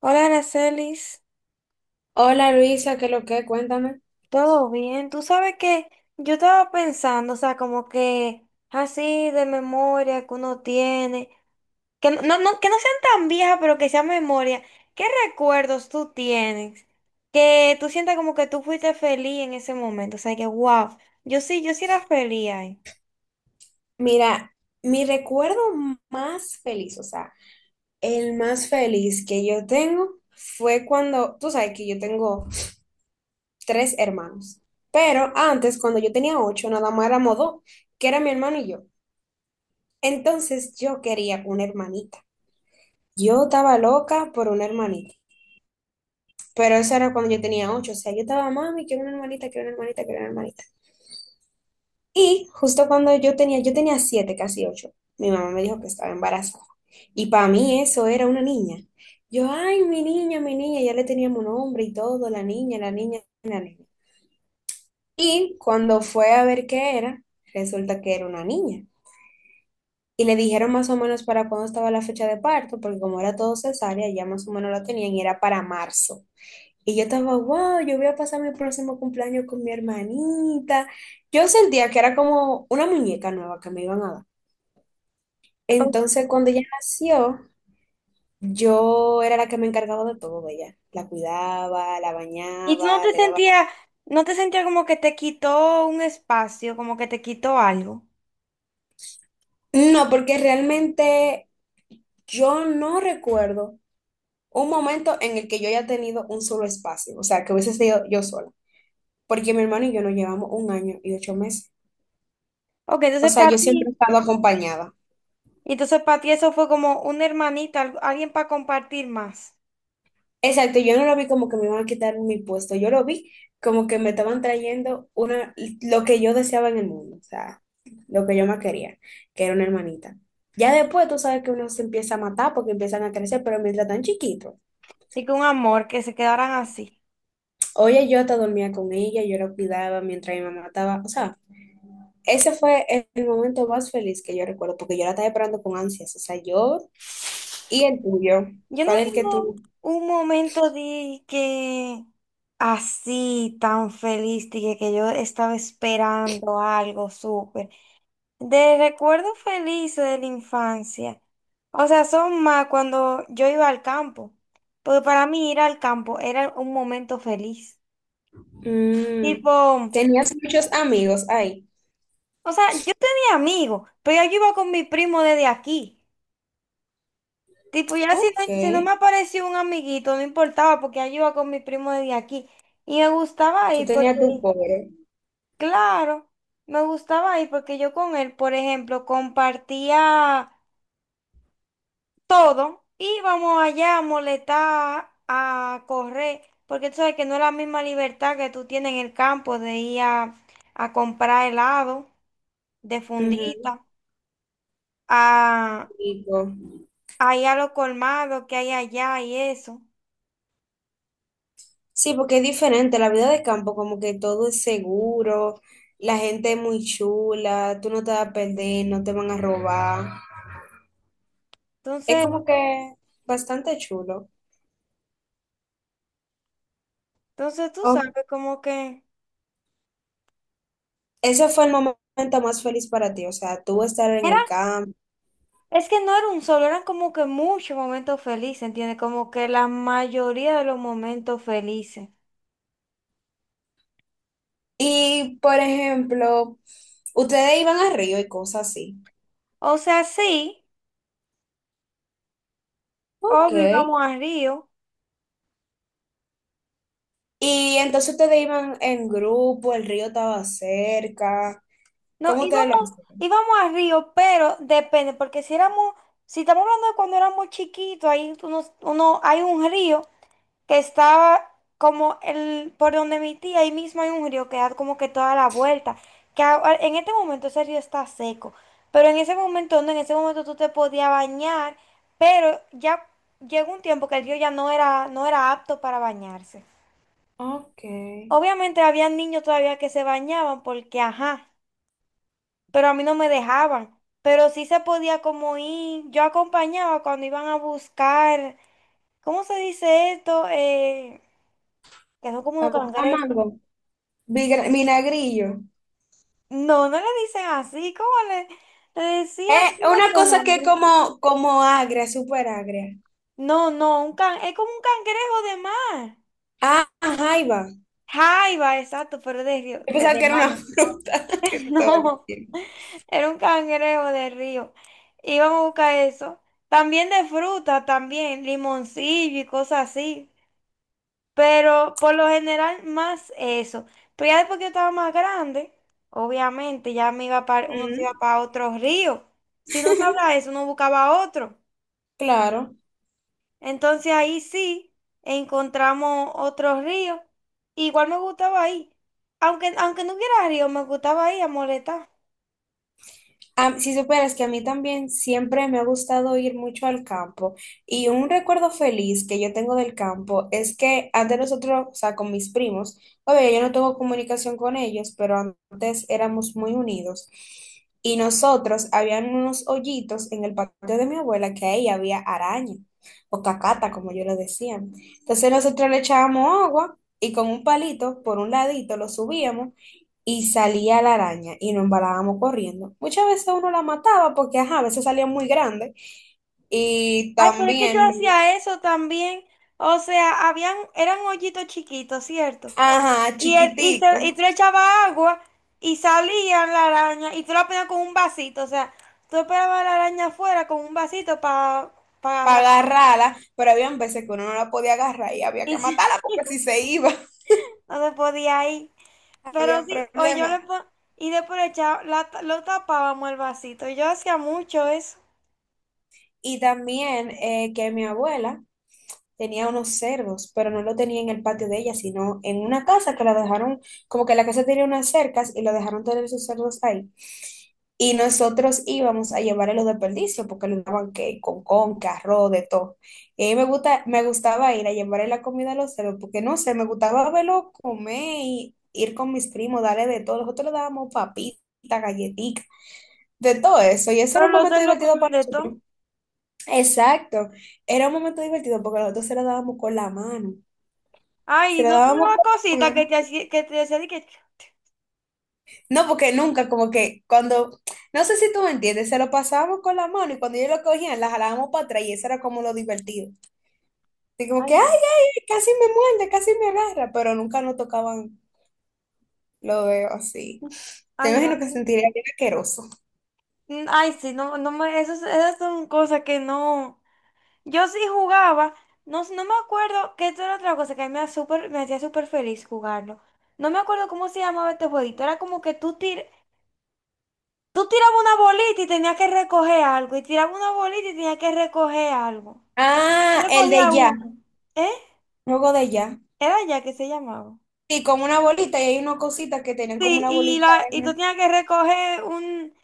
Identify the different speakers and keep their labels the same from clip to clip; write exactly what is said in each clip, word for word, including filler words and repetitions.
Speaker 1: Hola, Aracelis,
Speaker 2: Hola Luisa, ¿qué lo que? Cuéntame.
Speaker 1: ¿todo bien? Tú sabes que yo estaba pensando, o sea, como que así de memoria que uno tiene, que no, no, no- que no sean tan viejas, pero que sean memoria. ¿Qué recuerdos tú tienes? Que tú sientas como que tú fuiste feliz en ese momento, o sea, que wow, yo sí, yo sí era feliz ahí.
Speaker 2: Mira, mi recuerdo más feliz, o sea, el más feliz que yo tengo fue cuando, tú sabes que yo tengo tres hermanos, pero antes, cuando yo tenía ocho, nada más éramos dos, que era mi hermano y yo. Entonces yo quería una hermanita. Yo estaba loca por una hermanita, pero eso era cuando yo tenía ocho, o sea, yo estaba, mami, quiero una hermanita, quiero una hermanita, quiero una hermanita. Y justo cuando yo tenía, yo tenía siete, casi ocho, mi mamá me dijo que estaba embarazada. Y para mí eso era una niña. Yo, ay, mi niña, mi niña, ya le teníamos nombre y todo, la niña, la niña, la niña. Y cuando fue a ver qué era, resulta que era una niña. Y le dijeron más o menos para cuándo estaba la fecha de parto, porque como era todo cesárea, ya más o menos la tenían y era para marzo. Y yo estaba, wow, yo voy a pasar mi próximo cumpleaños con mi hermanita. Yo sentía que era como una muñeca nueva que me iban a dar. Entonces,
Speaker 1: Ok.
Speaker 2: cuando ella nació, yo era la que me encargaba de todo de ella. La cuidaba, la
Speaker 1: Y tú no
Speaker 2: bañaba,
Speaker 1: te
Speaker 2: le daba...
Speaker 1: sentías, no te sentías como que te quitó un espacio, como que te quitó algo.
Speaker 2: No, porque realmente yo no recuerdo un momento en el que yo haya tenido un solo espacio, o sea, que hubiese sido yo sola, porque mi hermano y yo nos llevamos un año y ocho meses.
Speaker 1: Ok,
Speaker 2: O
Speaker 1: entonces
Speaker 2: sea,
Speaker 1: para
Speaker 2: yo siempre
Speaker 1: ti.
Speaker 2: he estado acompañada.
Speaker 1: Y entonces para ti eso fue como una hermanita, al- alguien para compartir más.
Speaker 2: Exacto, yo no lo vi como que me iban a quitar mi puesto, yo lo vi como que me estaban trayendo una, lo que yo deseaba en el mundo, o sea, lo que yo más quería, que era una hermanita. Ya después tú sabes que uno se empieza a matar porque empiezan a crecer, pero mientras tan chiquito,
Speaker 1: Y que un amor, que se quedaran así.
Speaker 2: oye, yo hasta dormía con ella, yo la cuidaba mientras mi mamá estaba, o sea, ese fue el el momento más feliz que yo recuerdo, porque yo la estaba esperando con ansias, o sea, yo y el tuyo,
Speaker 1: Yo no
Speaker 2: ¿cuál es el que
Speaker 1: tengo
Speaker 2: tú?
Speaker 1: un momento de que así tan feliz, de que, que yo estaba esperando algo súper. De recuerdos felices de la infancia. O sea, son más cuando yo iba al campo. Porque para mí ir al campo era un momento feliz. Tipo,
Speaker 2: Mm,
Speaker 1: o
Speaker 2: tenías muchos amigos ahí,
Speaker 1: sea, yo tenía amigos, pero yo iba con mi primo desde aquí. Tipo, ya si
Speaker 2: ok.
Speaker 1: no, si no me apareció un amiguito, no importaba porque yo iba con mi primo de aquí. Y me gustaba
Speaker 2: Tú
Speaker 1: ir porque,
Speaker 2: tenías tu pobre.
Speaker 1: claro, me gustaba ir porque yo con él, por ejemplo, compartía todo. Íbamos allá a molestar, a correr, porque tú sabes que no es la misma libertad que tú tienes en el campo de ir a, a comprar helado de
Speaker 2: Ujú.
Speaker 1: fundita, a,
Speaker 2: Rico.
Speaker 1: a ir a los colmados que hay allá y eso.
Speaker 2: Sí, porque es diferente, la vida de campo, como que todo es seguro, la gente es muy chula, tú no te vas a perder, no te van a robar. Es
Speaker 1: Entonces...
Speaker 2: como que bastante chulo.
Speaker 1: Entonces tú sabes
Speaker 2: Ok.
Speaker 1: como que
Speaker 2: Ese fue el momento más feliz para ti, o sea, tú estar en
Speaker 1: era,
Speaker 2: el campo.
Speaker 1: es que no era un solo, eran como que muchos momentos felices, ¿entiendes? Como que la mayoría de los momentos felices.
Speaker 2: Y, por ejemplo, ustedes iban al río y cosas así.
Speaker 1: O sea, sí,
Speaker 2: Ok.
Speaker 1: obvio íbamos a Río.
Speaker 2: Y entonces ustedes iban en grupo, el río estaba cerca.
Speaker 1: No,
Speaker 2: ¿Cómo ustedes
Speaker 1: íbamos,
Speaker 2: lo hacían?
Speaker 1: íbamos a Río, pero depende, porque si éramos, si estamos hablando de cuando éramos chiquitos, ahí uno, uno, hay un río que estaba como el, por donde mi tía, ahí mismo hay un río que da como que toda la vuelta, que a- a- en este momento ese río está seco, pero en ese momento no, en ese momento tú te podías bañar, pero ya llegó un tiempo que el río ya no era, no era apto para bañarse.
Speaker 2: Ok.
Speaker 1: Obviamente había niños todavía que se bañaban porque, ajá, pero a mí no me dejaban. Pero sí se podía como ir, yo acompañaba cuando iban a buscar, ¿cómo se dice esto? Eh, que son como
Speaker 2: A
Speaker 1: unos
Speaker 2: buscar
Speaker 1: cangrejos.
Speaker 2: mango, vigra- vinagrillo.
Speaker 1: No, no le dicen así, ¿cómo le, le
Speaker 2: Es
Speaker 1: decían? ¿Tiene
Speaker 2: una
Speaker 1: otro
Speaker 2: cosa que es
Speaker 1: nombre?
Speaker 2: como, como agria, súper agria.
Speaker 1: No, no, un can, es como un cangrejo de mar.
Speaker 2: Ah, jaiba.
Speaker 1: Jaiba, exacto, pero de río,
Speaker 2: Yo
Speaker 1: de,
Speaker 2: pensaba
Speaker 1: de
Speaker 2: que era
Speaker 1: mar.
Speaker 2: una fruta que te estaba
Speaker 1: No,
Speaker 2: diciendo.
Speaker 1: era un cangrejo de río. Íbamos a buscar eso. También de fruta, también, limoncillo y cosas así. Pero por lo general más eso. Pero ya después que yo estaba más grande, obviamente ya me iba para, uno se
Speaker 2: Mm.
Speaker 1: iba para otro río. Si no estaba eso, uno buscaba otro.
Speaker 2: Claro.
Speaker 1: Entonces ahí sí encontramos otros ríos. Igual me gustaba ahí. Aunque, aunque no hubiera río, me gustaba ahí a molestar.
Speaker 2: A- si supieras que a mí también siempre me ha gustado ir mucho al campo y un recuerdo feliz que yo tengo del campo es que antes nosotros, o sea, con mis primos, obvio, yo no tengo comunicación con ellos, pero antes éramos muy unidos y nosotros habían unos hoyitos en el patio de mi abuela que ahí había araña o cacata, como yo lo decía. Entonces nosotros le echábamos agua y con un palito por un ladito lo subíamos y salía la araña y nos embalábamos corriendo. Muchas veces uno la mataba porque, ajá, a veces salía muy grande y
Speaker 1: Ay, pero es que yo
Speaker 2: también, luego,
Speaker 1: hacía eso también. O sea, habían, eran hoyitos chiquitos, ¿cierto?
Speaker 2: ajá,
Speaker 1: Y, el, y, se- y
Speaker 2: chiquitico,
Speaker 1: tú le echabas agua y salían la araña y tú la ponías con un vasito. O sea, tú esperabas a la araña afuera con un vasito para agarrar.
Speaker 2: para agarrarla, pero había veces que uno no la podía agarrar y había
Speaker 1: Y
Speaker 2: que
Speaker 1: se-
Speaker 2: matarla porque si se iba
Speaker 1: no se podía ir.
Speaker 2: había
Speaker 1: Pero sí, o yo
Speaker 2: problemas.
Speaker 1: le pon- y después le echaba- la ta- lo tapábamos el vasito. Yo hacía mucho eso.
Speaker 2: Y también eh, que mi abuela tenía unos cerdos, pero no lo tenía en el patio de ella, sino en una casa que la dejaron, como que la casa tenía unas cercas y la dejaron tener sus cerdos ahí. Y nosotros íbamos a llevarle los desperdicios porque le daban que con arroz, de todo. Y a mí me gusta, me gustaba ir a llevarle la comida a los cerdos porque no sé, me gustaba verlo comer y ir con mis primos, darle de todo. Nosotros le dábamos papitas, galletitas, de todo eso. Y ese
Speaker 1: Pero
Speaker 2: era un
Speaker 1: los
Speaker 2: momento
Speaker 1: cerdos
Speaker 2: divertido
Speaker 1: comen
Speaker 2: para
Speaker 1: de
Speaker 2: nosotros.
Speaker 1: todo.
Speaker 2: Exacto. Era un momento divertido porque nosotros se lo dábamos con la mano. Se
Speaker 1: Ay,
Speaker 2: lo
Speaker 1: ¿no te
Speaker 2: dábamos
Speaker 1: daba
Speaker 2: con la
Speaker 1: cosita que
Speaker 2: mano.
Speaker 1: te hacía, que te hacía de que,
Speaker 2: No, porque nunca, como que cuando, no sé si tú me entiendes, se lo pasábamos con la mano y cuando ellos lo cogían, la jalábamos para atrás y eso era como lo divertido. Y como
Speaker 1: ay,
Speaker 2: que, ay,
Speaker 1: no,
Speaker 2: ay, casi me muerde, casi me agarra, pero nunca nos tocaban lo veo así. Te
Speaker 1: ay, no,
Speaker 2: imagino que sentiría bien asqueroso.
Speaker 1: que- ay, sí, no, no me, esas, esas son cosas que no. Yo sí jugaba, no, no me acuerdo, que esto era otra cosa que a mí me, hacía súper- me hacía súper feliz jugarlo. No me acuerdo cómo se llamaba este jueguito. Era como que tú tir, tú tirabas una bolita y tenías que recoger algo, y tirabas una bolita y tenías que recoger algo.
Speaker 2: Ah, el
Speaker 1: Recogía
Speaker 2: de ya,
Speaker 1: uno. ¿Eh?
Speaker 2: juego de ya.
Speaker 1: Era ya que se llamaba.
Speaker 2: Sí, como una bolita y hay una cosita que tenían como
Speaker 1: Sí,
Speaker 2: una
Speaker 1: y,
Speaker 2: bolita.
Speaker 1: la, y tú tenías que recoger un...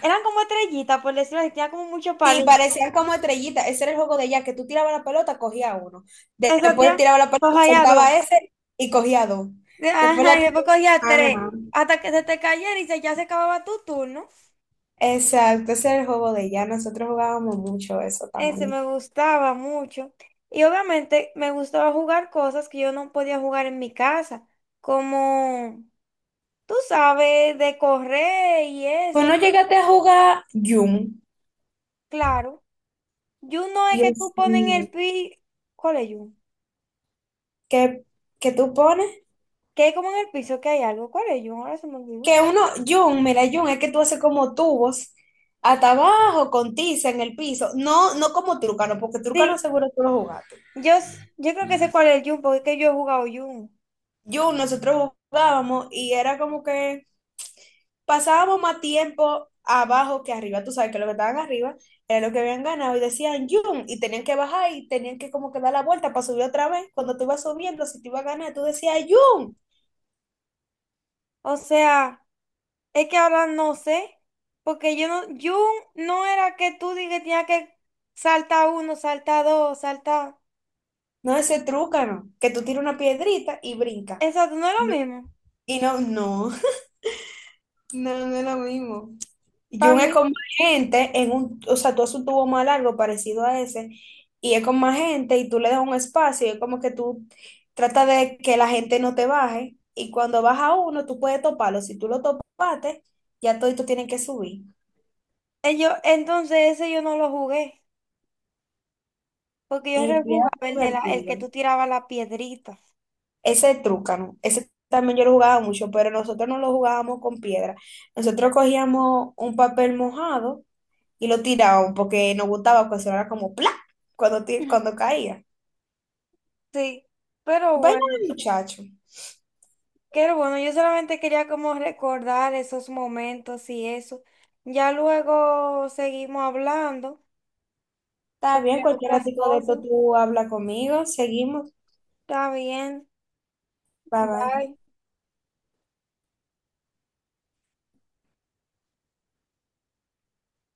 Speaker 1: Eran como estrellitas, por decirlo así, tenía como muchos
Speaker 2: Sí,
Speaker 1: palitos.
Speaker 2: parecían como estrellitas. Ese era el juego de ella, que tú tirabas la pelota, cogía uno. De-
Speaker 1: Eso
Speaker 2: Después
Speaker 1: tía,
Speaker 2: tiraba la pelota,
Speaker 1: cogía dos.
Speaker 2: soltaba ese y cogía dos. Después
Speaker 1: Ajá,
Speaker 2: la...
Speaker 1: y después cogía tres.
Speaker 2: Ajá.
Speaker 1: Hasta que se te cayera y se, ya se acababa tu turno.
Speaker 2: Exacto, ese era el juego de ella. Nosotros jugábamos mucho eso
Speaker 1: Ese
Speaker 2: también.
Speaker 1: me gustaba mucho. Y obviamente me gustaba jugar cosas que yo no podía jugar en mi casa. Como, tú sabes, de correr y
Speaker 2: Pues
Speaker 1: eso.
Speaker 2: no llegaste a jugar Yum.
Speaker 1: Claro. Yun no es que tú
Speaker 2: Dios
Speaker 1: pones en
Speaker 2: mío.
Speaker 1: el piso. ¿Cuál es Yun?
Speaker 2: ¿Qué, qué tú pones?
Speaker 1: Que hay como en el piso que hay algo. ¿Cuál es Yun? Ahora se me olvidó.
Speaker 2: Que uno, Yum, mira, Yum, es que tú haces como tubos hasta abajo con tiza en el piso. No, no como trucano, porque
Speaker 1: Sí,
Speaker 2: trucano seguro tú lo jugaste.
Speaker 1: yo, s- yo creo que sé cuál es el Yun porque es que yo he jugado Yun.
Speaker 2: Jun, nosotros jugábamos y era como que pasábamos más tiempo abajo que arriba. Tú sabes que los que estaban arriba era lo que habían ganado y decían Jun y tenían que bajar y tenían que como que dar la vuelta para subir otra vez. Cuando tú ibas subiendo, si te ibas a ganar, tú decías Jun.
Speaker 1: O sea, es que ahora no sé. Porque yo no. Yun no era que tú digas que tenías que saltar uno, saltar dos, saltar.
Speaker 2: No ese no que tú tiras una piedrita y brinca.
Speaker 1: Exacto, no es
Speaker 2: No,
Speaker 1: lo mismo.
Speaker 2: y no, no, no, no es lo mismo. Y un
Speaker 1: Para
Speaker 2: es
Speaker 1: mí,
Speaker 2: con más gente, en un, o sea, tú haces un tubo más largo parecido a ese, y es con más gente, y tú le das un espacio, y es como que tú tratas de que la gente no te baje, y cuando baja uno, tú puedes toparlo. Si tú lo topaste, ya todos tienen que subir.
Speaker 1: eh, yo, entonces ese yo no lo jugué. Porque yo
Speaker 2: Y bien
Speaker 1: rejugaba el de la, el que
Speaker 2: divertido.
Speaker 1: tú tirabas la piedrita.
Speaker 2: Ese trucano, ese también yo lo jugaba mucho, pero nosotros no lo jugábamos con piedra. Nosotros cogíamos un papel mojado y lo tirábamos porque nos gustaba que sonara como ¡plá! Cuando, ti- cuando caía.
Speaker 1: Sí, pero
Speaker 2: Vaya
Speaker 1: bueno.
Speaker 2: muchacho.
Speaker 1: Qué bueno, yo solamente quería como recordar esos momentos y eso. Ya luego seguimos hablando
Speaker 2: Está
Speaker 1: sobre
Speaker 2: bien, cualquier
Speaker 1: otras
Speaker 2: ratico de esto
Speaker 1: cosas.
Speaker 2: tú habla conmigo. Seguimos.
Speaker 1: Está bien,
Speaker 2: Bye bye.
Speaker 1: bye.